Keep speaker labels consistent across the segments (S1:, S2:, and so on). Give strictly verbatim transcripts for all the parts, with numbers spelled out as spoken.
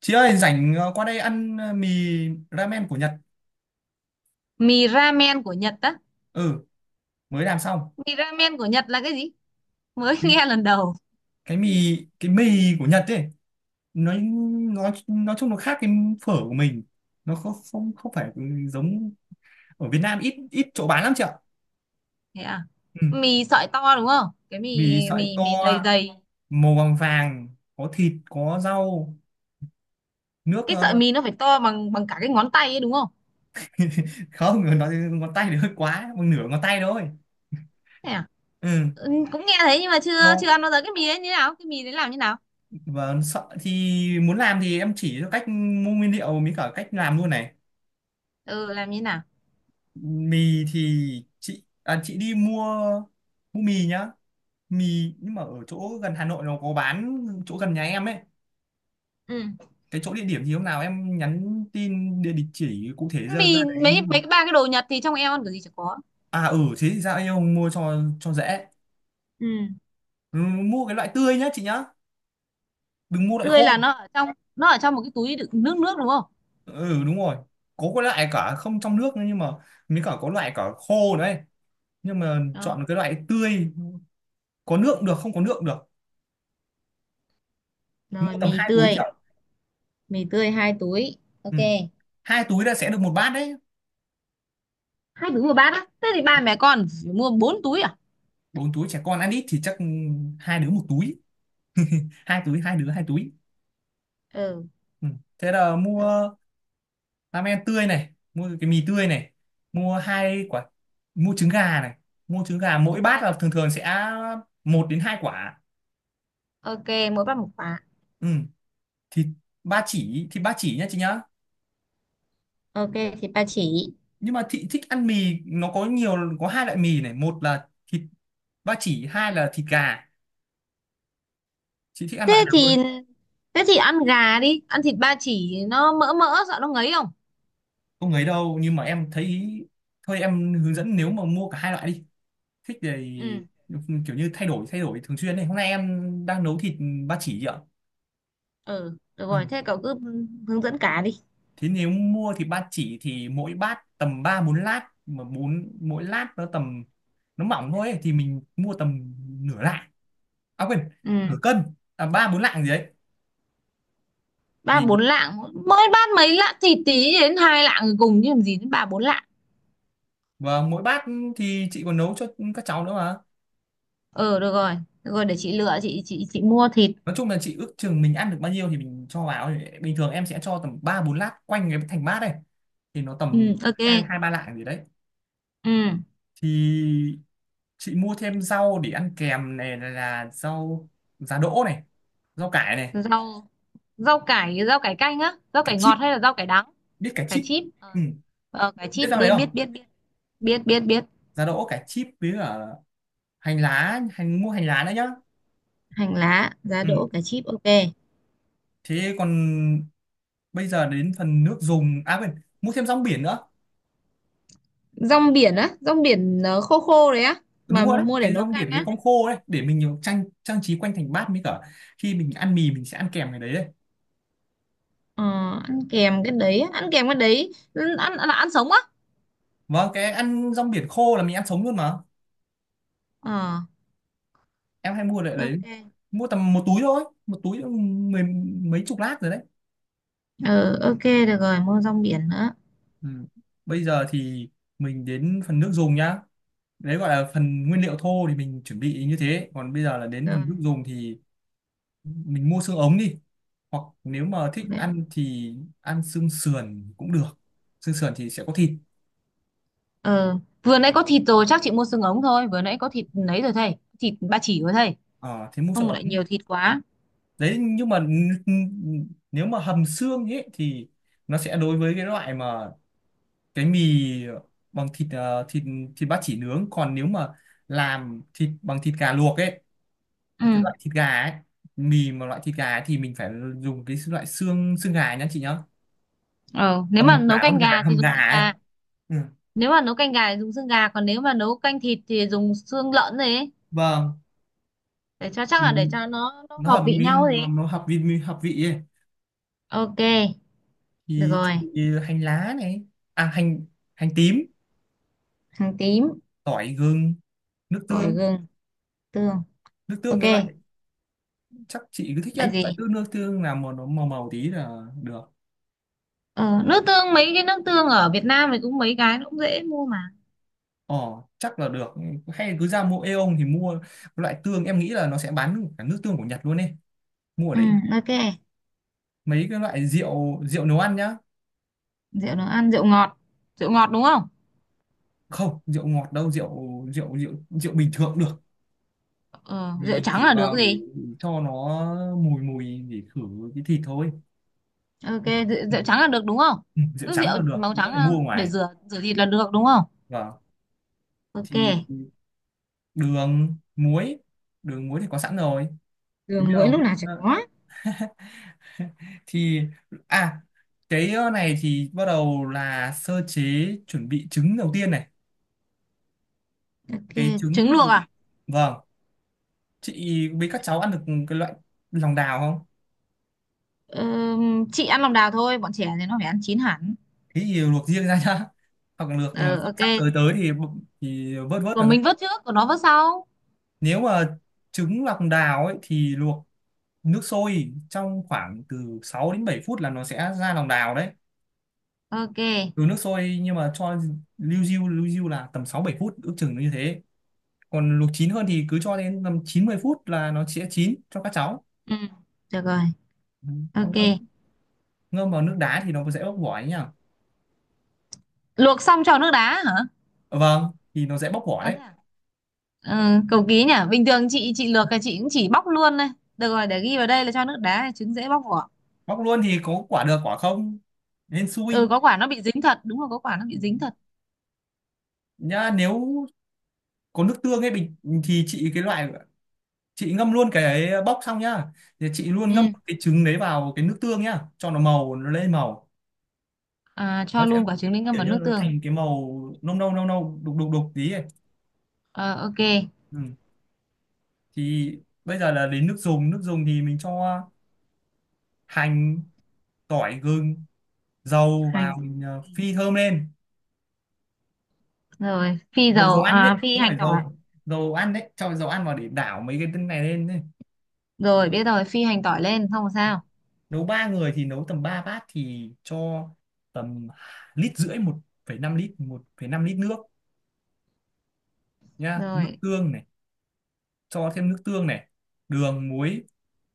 S1: Chị ơi, rảnh ờ, qua đây ăn ờ, mì ramen của Nhật.
S2: Mì ramen của Nhật á?
S1: Ừ, mới làm xong.
S2: Mì ramen của Nhật là cái gì? Mới nghe lần đầu.
S1: Cái mì cái mì của Nhật ấy, nó nó nói chung nó khác cái phở của mình. Nó không không không phải giống ở Việt Nam, ít ít chỗ bán lắm chị ạ.
S2: Thế à?
S1: Ừ,
S2: Mì sợi to đúng không? Cái mì
S1: mì sợi
S2: mì
S1: to
S2: mì dày dày.
S1: màu vàng vàng, có thịt, có rau, nước
S2: Cái
S1: ờ,
S2: sợi mì nó phải to bằng bằng cả cái ngón tay ấy đúng không?
S1: không, nó ngón tay thì hơi quá, một nửa ngón tay thôi.
S2: Thế à?
S1: Ừ.
S2: Ừ, cũng nghe thấy nhưng mà chưa chưa
S1: Nó
S2: ăn bao giờ. Cái mì đấy như nào? Cái mì đấy làm như nào?
S1: và sợ thì muốn làm thì em chỉ cho cách mua nguyên liệu mới cả cách làm luôn này.
S2: Ừ, làm như nào?
S1: Mì thì chị à, chị đi mua mua mì nhá, mì nhưng mà ở chỗ gần Hà Nội nó có bán, chỗ gần nhà em ấy,
S2: Ừ,
S1: cái chỗ địa điểm gì hôm nào em nhắn tin địa địa chỉ cụ thể, ra ra
S2: mì
S1: đấy em
S2: mấy mấy
S1: mua.
S2: cái ba cái đồ Nhật thì trong em ăn kiểu gì chả có.
S1: À ừ thế thì ra đây ông mua cho cho dễ.
S2: Ừ,
S1: Ừ, mua cái loại tươi nhá chị nhá, đừng mua loại
S2: tươi
S1: khô.
S2: là nó ở trong, nó ở trong một cái túi đựng nước nước đúng không?
S1: Ừ đúng rồi, có cái loại cả không trong nước nữa nhưng mà, mới cả có loại cả khô đấy, nhưng mà
S2: Ừ.
S1: chọn cái loại tươi, có nước cũng được không có nước cũng được.
S2: Rồi,
S1: Mua tầm
S2: mì
S1: hai túi
S2: tươi.
S1: chả.
S2: Mì tươi hai túi.
S1: Ừ,
S2: Ok.
S1: hai túi là sẽ được một bát đấy.
S2: Hai túi một bát á? Thế thì ba mẹ con phải mua bốn túi à?
S1: Bốn túi trẻ con ăn ít thì chắc hai đứa một túi, hai túi hai đứa hai túi.
S2: Ừ,
S1: Ừ. Thế là
S2: ừ.
S1: mua ramen tươi này, mua cái mì tươi này, mua hai quả, mua trứng gà này. Mua trứng gà mỗi
S2: Chúng
S1: bát
S2: ta.
S1: là thường thường sẽ một đến hai quả.
S2: Ok, mỗi bát một quả.
S1: Ừ. Thì ba chỉ thì ba chỉ nhá chị nhá,
S2: Ok, thịt ba chỉ.
S1: nhưng mà thị thích ăn mì, nó có nhiều, có hai loại mì này, một là thịt ba chỉ, hai là thịt gà, chị thích ăn loại
S2: thế
S1: nào hơn.
S2: thì thế thì ăn gà đi, ăn thịt ba chỉ nó mỡ mỡ sợ nó ngấy không?
S1: Không ấy đâu, nhưng mà em thấy thôi em hướng dẫn, nếu mà mua cả hai loại đi, thích
S2: Ừ,
S1: thì kiểu như thay đổi thay đổi thường xuyên này, hôm nay em đang nấu thịt ba chỉ chị ạ.
S2: ừ, được
S1: Ừ.
S2: rồi, thế cậu cứ hướng dẫn cả đi.
S1: Thế nếu mua thịt ba chỉ thì mỗi bát tầm ba bốn lát, mà bốn mỗi lát nó tầm, nó mỏng thôi ấy, thì mình mua tầm nửa lạng, à quên
S2: Ừ,
S1: nửa cân, à ba bốn lạng gì đấy,
S2: ba bốn
S1: vì
S2: lạng Mỗi bát mấy lạng thịt tí đến hai lạng rồi cùng chứ làm gì đến ba bốn lạng.
S1: và mỗi bát thì chị còn nấu cho các cháu nữa mà.
S2: Ừ, được rồi, được rồi, để chị lựa, chị chị chị mua thịt.
S1: Nói chung là chị ước chừng mình ăn được bao nhiêu thì mình cho vào, bình thường em sẽ cho tầm ba bốn lát quanh cái thành bát này, thì nó
S2: Ừ,
S1: tầm
S2: ok,
S1: hai hai ba lạng gì đấy.
S2: ừ.
S1: Thì chị mua thêm rau để ăn kèm này, là rau giá đỗ này, rau cải này,
S2: Rau rau cải rau cải canh á, rau
S1: cải
S2: cải
S1: chip,
S2: ngọt hay là rau cải đắng?
S1: biết cải
S2: Cải
S1: chip.
S2: chip.
S1: Ừ.
S2: ờ,
S1: biết
S2: cải
S1: biết
S2: chip
S1: rau đấy
S2: biết biết
S1: không,
S2: biết biết. Biết biết biết.
S1: giá đỗ cải chip với cả hành lá, hành mua hành lá nữa nhá.
S2: Hành lá, giá
S1: Ừ.
S2: đỗ, cải chip, ok.
S1: Thế còn bây giờ đến phần nước dùng, à quên, mua thêm rong biển nữa.
S2: Rong biển á? Rong biển ờ, khô khô đấy á? Mà
S1: Đúng rồi đấy,
S2: mua để
S1: cái
S2: nấu
S1: rong biển
S2: canh
S1: cái
S2: á?
S1: con khô đấy, để mình nhiều trang trang trí quanh thành bát, mới cả khi mình ăn mì mình sẽ ăn kèm cái đấy đấy.
S2: ờ, ăn kèm cái đấy á? Ăn kèm cái đấy ăn, ăn, là ăn sống á?
S1: Vâng, cái ăn rong biển khô là mình ăn sống luôn mà,
S2: Ờ,
S1: em hay mua lại đấy.
S2: ok.
S1: Mua tầm một túi thôi, một túi mười mấy chục lát rồi đấy.
S2: Ờ, ok, được rồi, mua rong biển nữa.
S1: Ừ. Bây giờ thì mình đến phần nước dùng nhá. Đấy gọi là phần nguyên liệu thô thì mình chuẩn bị như thế, còn bây giờ là đến
S2: Rồi.
S1: phần nước dùng thì mình mua xương ống đi, hoặc nếu mà thích
S2: Ok.
S1: ăn thì ăn xương sườn cũng được, xương sườn thì sẽ có thịt.
S2: ờ vừa nãy có thịt rồi, chắc chị mua xương ống thôi, vừa nãy có thịt lấy rồi thầy, thịt ba chỉ rồi thầy,
S1: Ờ thế mua
S2: không
S1: xương ống
S2: lại nhiều thịt quá.
S1: đấy, nhưng mà n- n- nếu mà hầm xương ấy thì nó sẽ, đối với cái loại mà cái mì bằng thịt ờ, thịt, thịt ba chỉ nướng, còn nếu mà làm thịt bằng thịt gà luộc ấy, cái
S2: Ừ.
S1: loại thịt gà ấy, mì mà loại thịt gà ấy, thì mình phải dùng cái loại xương xương gà nhá chị nhá,
S2: Ờ, nếu mà
S1: hầm
S2: nấu
S1: cả con
S2: canh
S1: gà,
S2: gà thì
S1: hầm
S2: dùng
S1: gà
S2: xương
S1: ấy.
S2: gà.
S1: Ừ.
S2: Nếu mà nấu canh gà thì dùng xương gà, còn nếu mà nấu canh thịt thì dùng xương lợn rồi ấy.
S1: Vâng
S2: Để cho chắc,
S1: thì
S2: là để cho nó nó
S1: nó
S2: hợp
S1: hợp
S2: vị
S1: với-
S2: nhau rồi
S1: nó,
S2: ấy.
S1: nó hợp vị hợp vị ấy.
S2: Ok. Được
S1: Thì
S2: rồi,
S1: chuẩn bị hành lá này, à hành, hành tím,
S2: hành tím,
S1: tỏi gừng, nước
S2: tỏi
S1: tương.
S2: gừng, tương.
S1: Nước tương
S2: Ok
S1: cái loại, chắc chị cứ thích
S2: vậy
S1: ăn loại
S2: gì.
S1: tương, nước tương là màu nó màu màu tí là được.
S2: ờ, nước tương, mấy cái nước tương ở Việt Nam thì cũng mấy cái nó cũng dễ mua mà.
S1: Ờ, chắc là được, hay cứ ra mua Aeon thì mua, loại tương em nghĩ là nó sẽ bán được cả nước tương của Nhật luôn đi, mua ở
S2: Ừ,
S1: đấy được.
S2: ok.
S1: Mấy cái loại rượu rượu nấu ăn nhá,
S2: Rượu nấu ăn, rượu ngọt. Rượu ngọt đúng không?
S1: không rượu ngọt đâu, rượu rượu rượu rượu bình thường cũng được,
S2: ờ,
S1: thì
S2: rượu
S1: mình
S2: trắng
S1: chỉ
S2: là được
S1: vào để
S2: gì.
S1: cho nó mùi mùi để khử cái thịt thôi.
S2: Ok,
S1: Ừ,
S2: rượu,
S1: ừ,
S2: rượu trắng là được đúng không?
S1: ừ, rượu
S2: Cứ rượu
S1: trắng là được,
S2: màu
S1: đỡ
S2: trắng
S1: phải
S2: là
S1: mua
S2: để
S1: ngoài.
S2: rửa rửa thịt là được đúng không?
S1: Vâng,
S2: Ok.
S1: thì đường muối, đường muối thì có sẵn rồi. Thì
S2: Đường
S1: bây
S2: muối
S1: giờ
S2: lúc
S1: biết
S2: nào chả có.
S1: thì à, cái ờ, này thì bắt đầu là sơ chế, chuẩn bị trứng đầu tiên này,
S2: Ok,
S1: cái trứng
S2: trứng luộc
S1: thì...
S2: à?
S1: Vâng, chị với các cháu ăn được cái loại lòng đào không.
S2: Ừm, chị ăn lòng đào thôi, bọn trẻ thì nó phải ăn chín hẳn.
S1: Thế thì luộc riêng ra nhá, hoặc là luộc ờ,
S2: Ờ,
S1: sắp
S2: ok,
S1: sắp tới tới thì bụng- thì vớt vớt nó
S2: còn
S1: ra.
S2: mình vớt trước còn nó vớt sau.
S1: Nếu mà trứng lòng đào ấy thì luộc nước sôi trong khoảng từ sáu đến bảy phút là nó sẽ ra lòng đào đấy,
S2: Ok.
S1: từ nước sôi, nhưng mà cho lưu diêu lưu diêu là tầm sáu bảy phút, ước chừng nó như thế. Còn luộc chín hơn thì cứ cho đến tầm chín mươi phút là nó sẽ chín cho các cháu.
S2: Ừ, được rồi.
S1: Ừ. Xong ngâm,
S2: Ok.
S1: ngâm vào nước đá thì nó sẽ bóc vỏ ấy nhỉ.
S2: Luộc xong cho nước đá hả?
S1: Ờ, vâng thì nó sẽ bóc vỏ
S2: À, thế
S1: đấy,
S2: à? Ừ, cầu ký nhỉ, bình thường chị chị luộc là chị cũng chỉ bóc luôn đây. Được rồi, để ghi vào đây là cho nước đá trứng dễ bóc vỏ.
S1: bóc luôn thì có quả được quả không, nên
S2: Ừ,
S1: xui.
S2: có quả nó bị dính thật, đúng rồi, có quả nó
S1: Ừ.
S2: bị dính thật.
S1: Nhá, nếu có nước tương ấy bình, thì chị cái loại, chị ngâm luôn cái ấy, ờ, bóc xong nhá, thì chị
S2: Ừ.
S1: luôn ngâm cái trứng đấy vào cái nước tương nhá, cho nó màu, nó lên màu,
S2: À,
S1: nó
S2: cho
S1: sẽ
S2: luôn quả trứng lên ngâm
S1: kiểu
S2: vào
S1: như là
S2: nước
S1: nó
S2: tương.
S1: thành cái màu nâu nâu nâu nâu đục đục đục tí ấy.
S2: Ờ, ok.
S1: Ừ. Thì bây giờ là đến nước dùng, nước dùng thì mình cho hành, tỏi gừng, dầu
S2: Hành.
S1: vào, mình ờ, phi thơm lên.
S2: Rồi phi
S1: Dầu dầu
S2: dầu
S1: ăn
S2: à,
S1: đấy
S2: phi
S1: chứ không
S2: hành
S1: phải
S2: tỏi.
S1: dầu, dầu ăn đấy, cho dầu ăn vào để đảo mấy cái tinh này lên ấy.
S2: Rồi, biết rồi, phi hành tỏi lên không sao.
S1: Nấu ba người thì nấu tầm ba bát, thì cho tầm lít rưỡi, một phẩy năm lít, một phẩy năm lít nước nhá. Nước
S2: Rồi.
S1: tương này, cho thêm nước tương này, đường muối,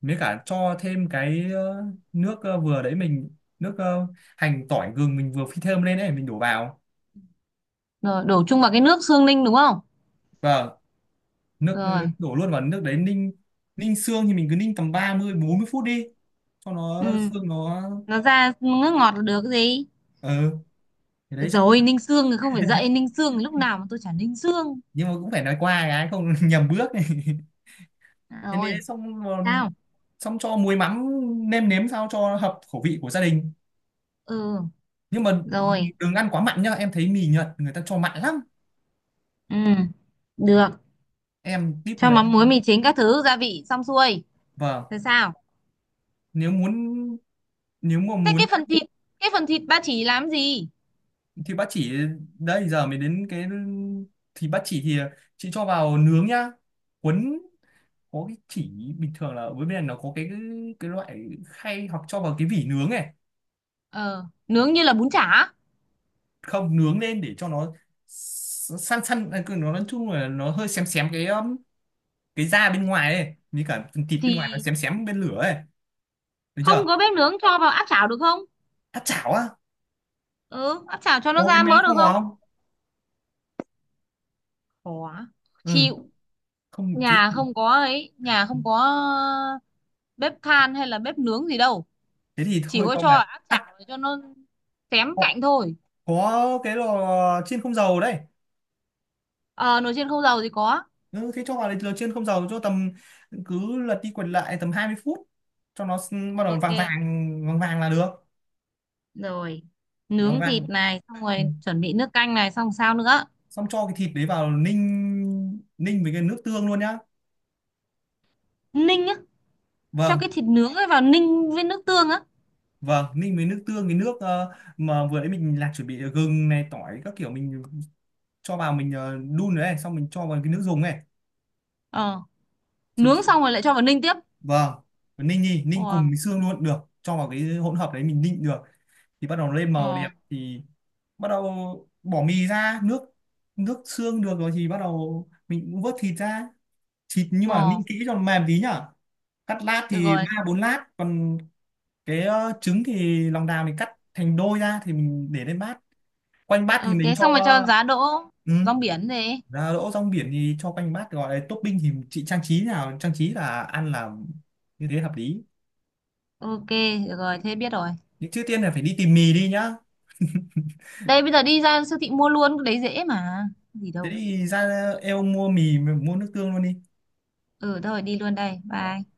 S1: với cả cho thêm cái ờ, nước ờ, vừa đấy mình, nước ờ, hành tỏi gừng mình vừa phi thơm lên đấy mình đổ vào.
S2: Rồi, đổ chung vào cái nước xương ninh đúng không?
S1: Vâng, nước ờ,
S2: Rồi.
S1: đổ luôn vào nước đấy ninh. Ninh xương thì mình cứ ninh tầm ba mươi bốn mươi phút đi, cho
S2: Ừ,
S1: nó xương nó
S2: nó ra nước ngọt là được cái gì.
S1: ờ thì
S2: Được
S1: đấy chắc.
S2: rồi, ninh xương thì không phải dậy, ninh xương lúc nào mà tôi chả ninh xương.
S1: Nhưng mà cũng phải nói qua cái không nhầm bước này.
S2: À,
S1: Thế nên
S2: rồi
S1: xong rồi-
S2: sao?
S1: xong cho muối mắm, nêm nếm sao cho hợp khẩu vị của gia đình,
S2: Ừ,
S1: nhưng mà đừng,
S2: rồi,
S1: đừng ăn quá mặn nhá, em thấy mì Nhật người ta cho mặn lắm.
S2: ừ, được.
S1: Em tip
S2: Cho
S1: người
S2: mắm muối,
S1: em.
S2: mì chính, các thứ gia vị xong xuôi.
S1: Vâng,
S2: Rồi sao?
S1: nếu muốn, nếu mà
S2: Thế
S1: muốn
S2: cái
S1: ăn
S2: phần thịt cái phần thịt ba chỉ làm gì?
S1: thì bác chỉ, đây giờ mới đến cái, thì bác chỉ thì chị cho vào nướng nhá. Cuốn có cái chỉ, bình thường là ở bên này nó có cái cái loại khay hoặc cho vào cái vỉ nướng này,
S2: ờ nướng như là bún chả?
S1: không nướng lên để cho nó s- săn săn à, cứ nó nói chung là nó hơi xém xém cái um, cái da bên ngoài ấy, như cả phần thịt bên ngoài nó
S2: Thì
S1: xém xém bên lửa ấy, được
S2: không
S1: chưa.
S2: có bếp nướng, cho vào áp chảo được không?
S1: Tắt chảo á,
S2: Ừ, áp chảo cho nó
S1: có cái
S2: ra
S1: máy
S2: mỡ
S1: kho
S2: được không?
S1: không,
S2: Khó.
S1: ừ,
S2: Chịu.
S1: không thế,
S2: nhà không có ấy nhà không có bếp than hay là bếp nướng gì đâu.
S1: thế thì
S2: Chỉ
S1: thôi
S2: có
S1: cho
S2: cho
S1: vào.
S2: áp
S1: À
S2: chảo để cho nó xém
S1: có,
S2: cạnh thôi.
S1: có cái lò chiên không dầu đây.
S2: Ờ, nồi chiên không dầu thì có.
S1: Ừ, thế cho vào lò chiên không dầu, cho tầm, cứ lật đi quật lại tầm hai mươi phút, cho nó s- bắt đầu vàng
S2: Ok,
S1: vàng, vàng vàng là được.
S2: rồi
S1: vâng
S2: nướng thịt
S1: vâng
S2: này xong
S1: Ừ.
S2: rồi chuẩn bị nước canh này xong sao nữa?
S1: Xong cho cái thịt đấy vào ninh, ninh với cái nước tương luôn nhá.
S2: Ninh á? Cho
S1: vâng
S2: cái thịt nướng ấy vào ninh với nước tương á?
S1: vâng ninh với nước tương, cái nước ờ, mà vừa đấy mình là chuẩn bị gừng này, tỏi các kiểu mình cho vào, mình ờ, đun rồi này, xong mình cho vào cái nước dùng này.
S2: Ờ.
S1: Chị...
S2: Nướng xong rồi lại cho vào ninh tiếp.
S1: Vâng, ninh đi, ninh cùng
S2: Ờ.
S1: với xương luôn được, cho vào cái hỗn hợp đấy mình ninh được, thì bắt đầu lên màu đẹp
S2: Ờ.
S1: thì bắt đầu bỏ mì ra. Nước, nước xương được rồi thì bắt đầu mình cũng vớt thịt ra, thịt nhưng mà
S2: Ờ,
S1: ninh kỹ cho nó mềm tí nhá, cắt lát
S2: được
S1: thì
S2: rồi.
S1: ba bốn lát. Còn cái ờ, trứng thì lòng đào mình cắt thành đôi ra, thì mình để lên bát, quanh bát thì
S2: Ok,
S1: mình cho,
S2: xong rồi cho giá đỗ.
S1: ừ,
S2: Rong biển gì?
S1: giá đỗ, rong biển thì cho quanh bát, gọi là topping thì chị trang trí, nào trang trí là ăn, là như thế hợp lý.
S2: Ok, được rồi, thế biết rồi.
S1: Nhưng trước tiên là phải đi tìm mì đi nhá,
S2: Đây, bây giờ đi ra siêu thị mua luôn, cái đấy dễ mà. Gì
S1: thế
S2: đâu.
S1: thì ra, eo mua mì mua nước tương luôn đi.
S2: Ừ, thôi đi luôn đây.
S1: Vâng.
S2: Bye.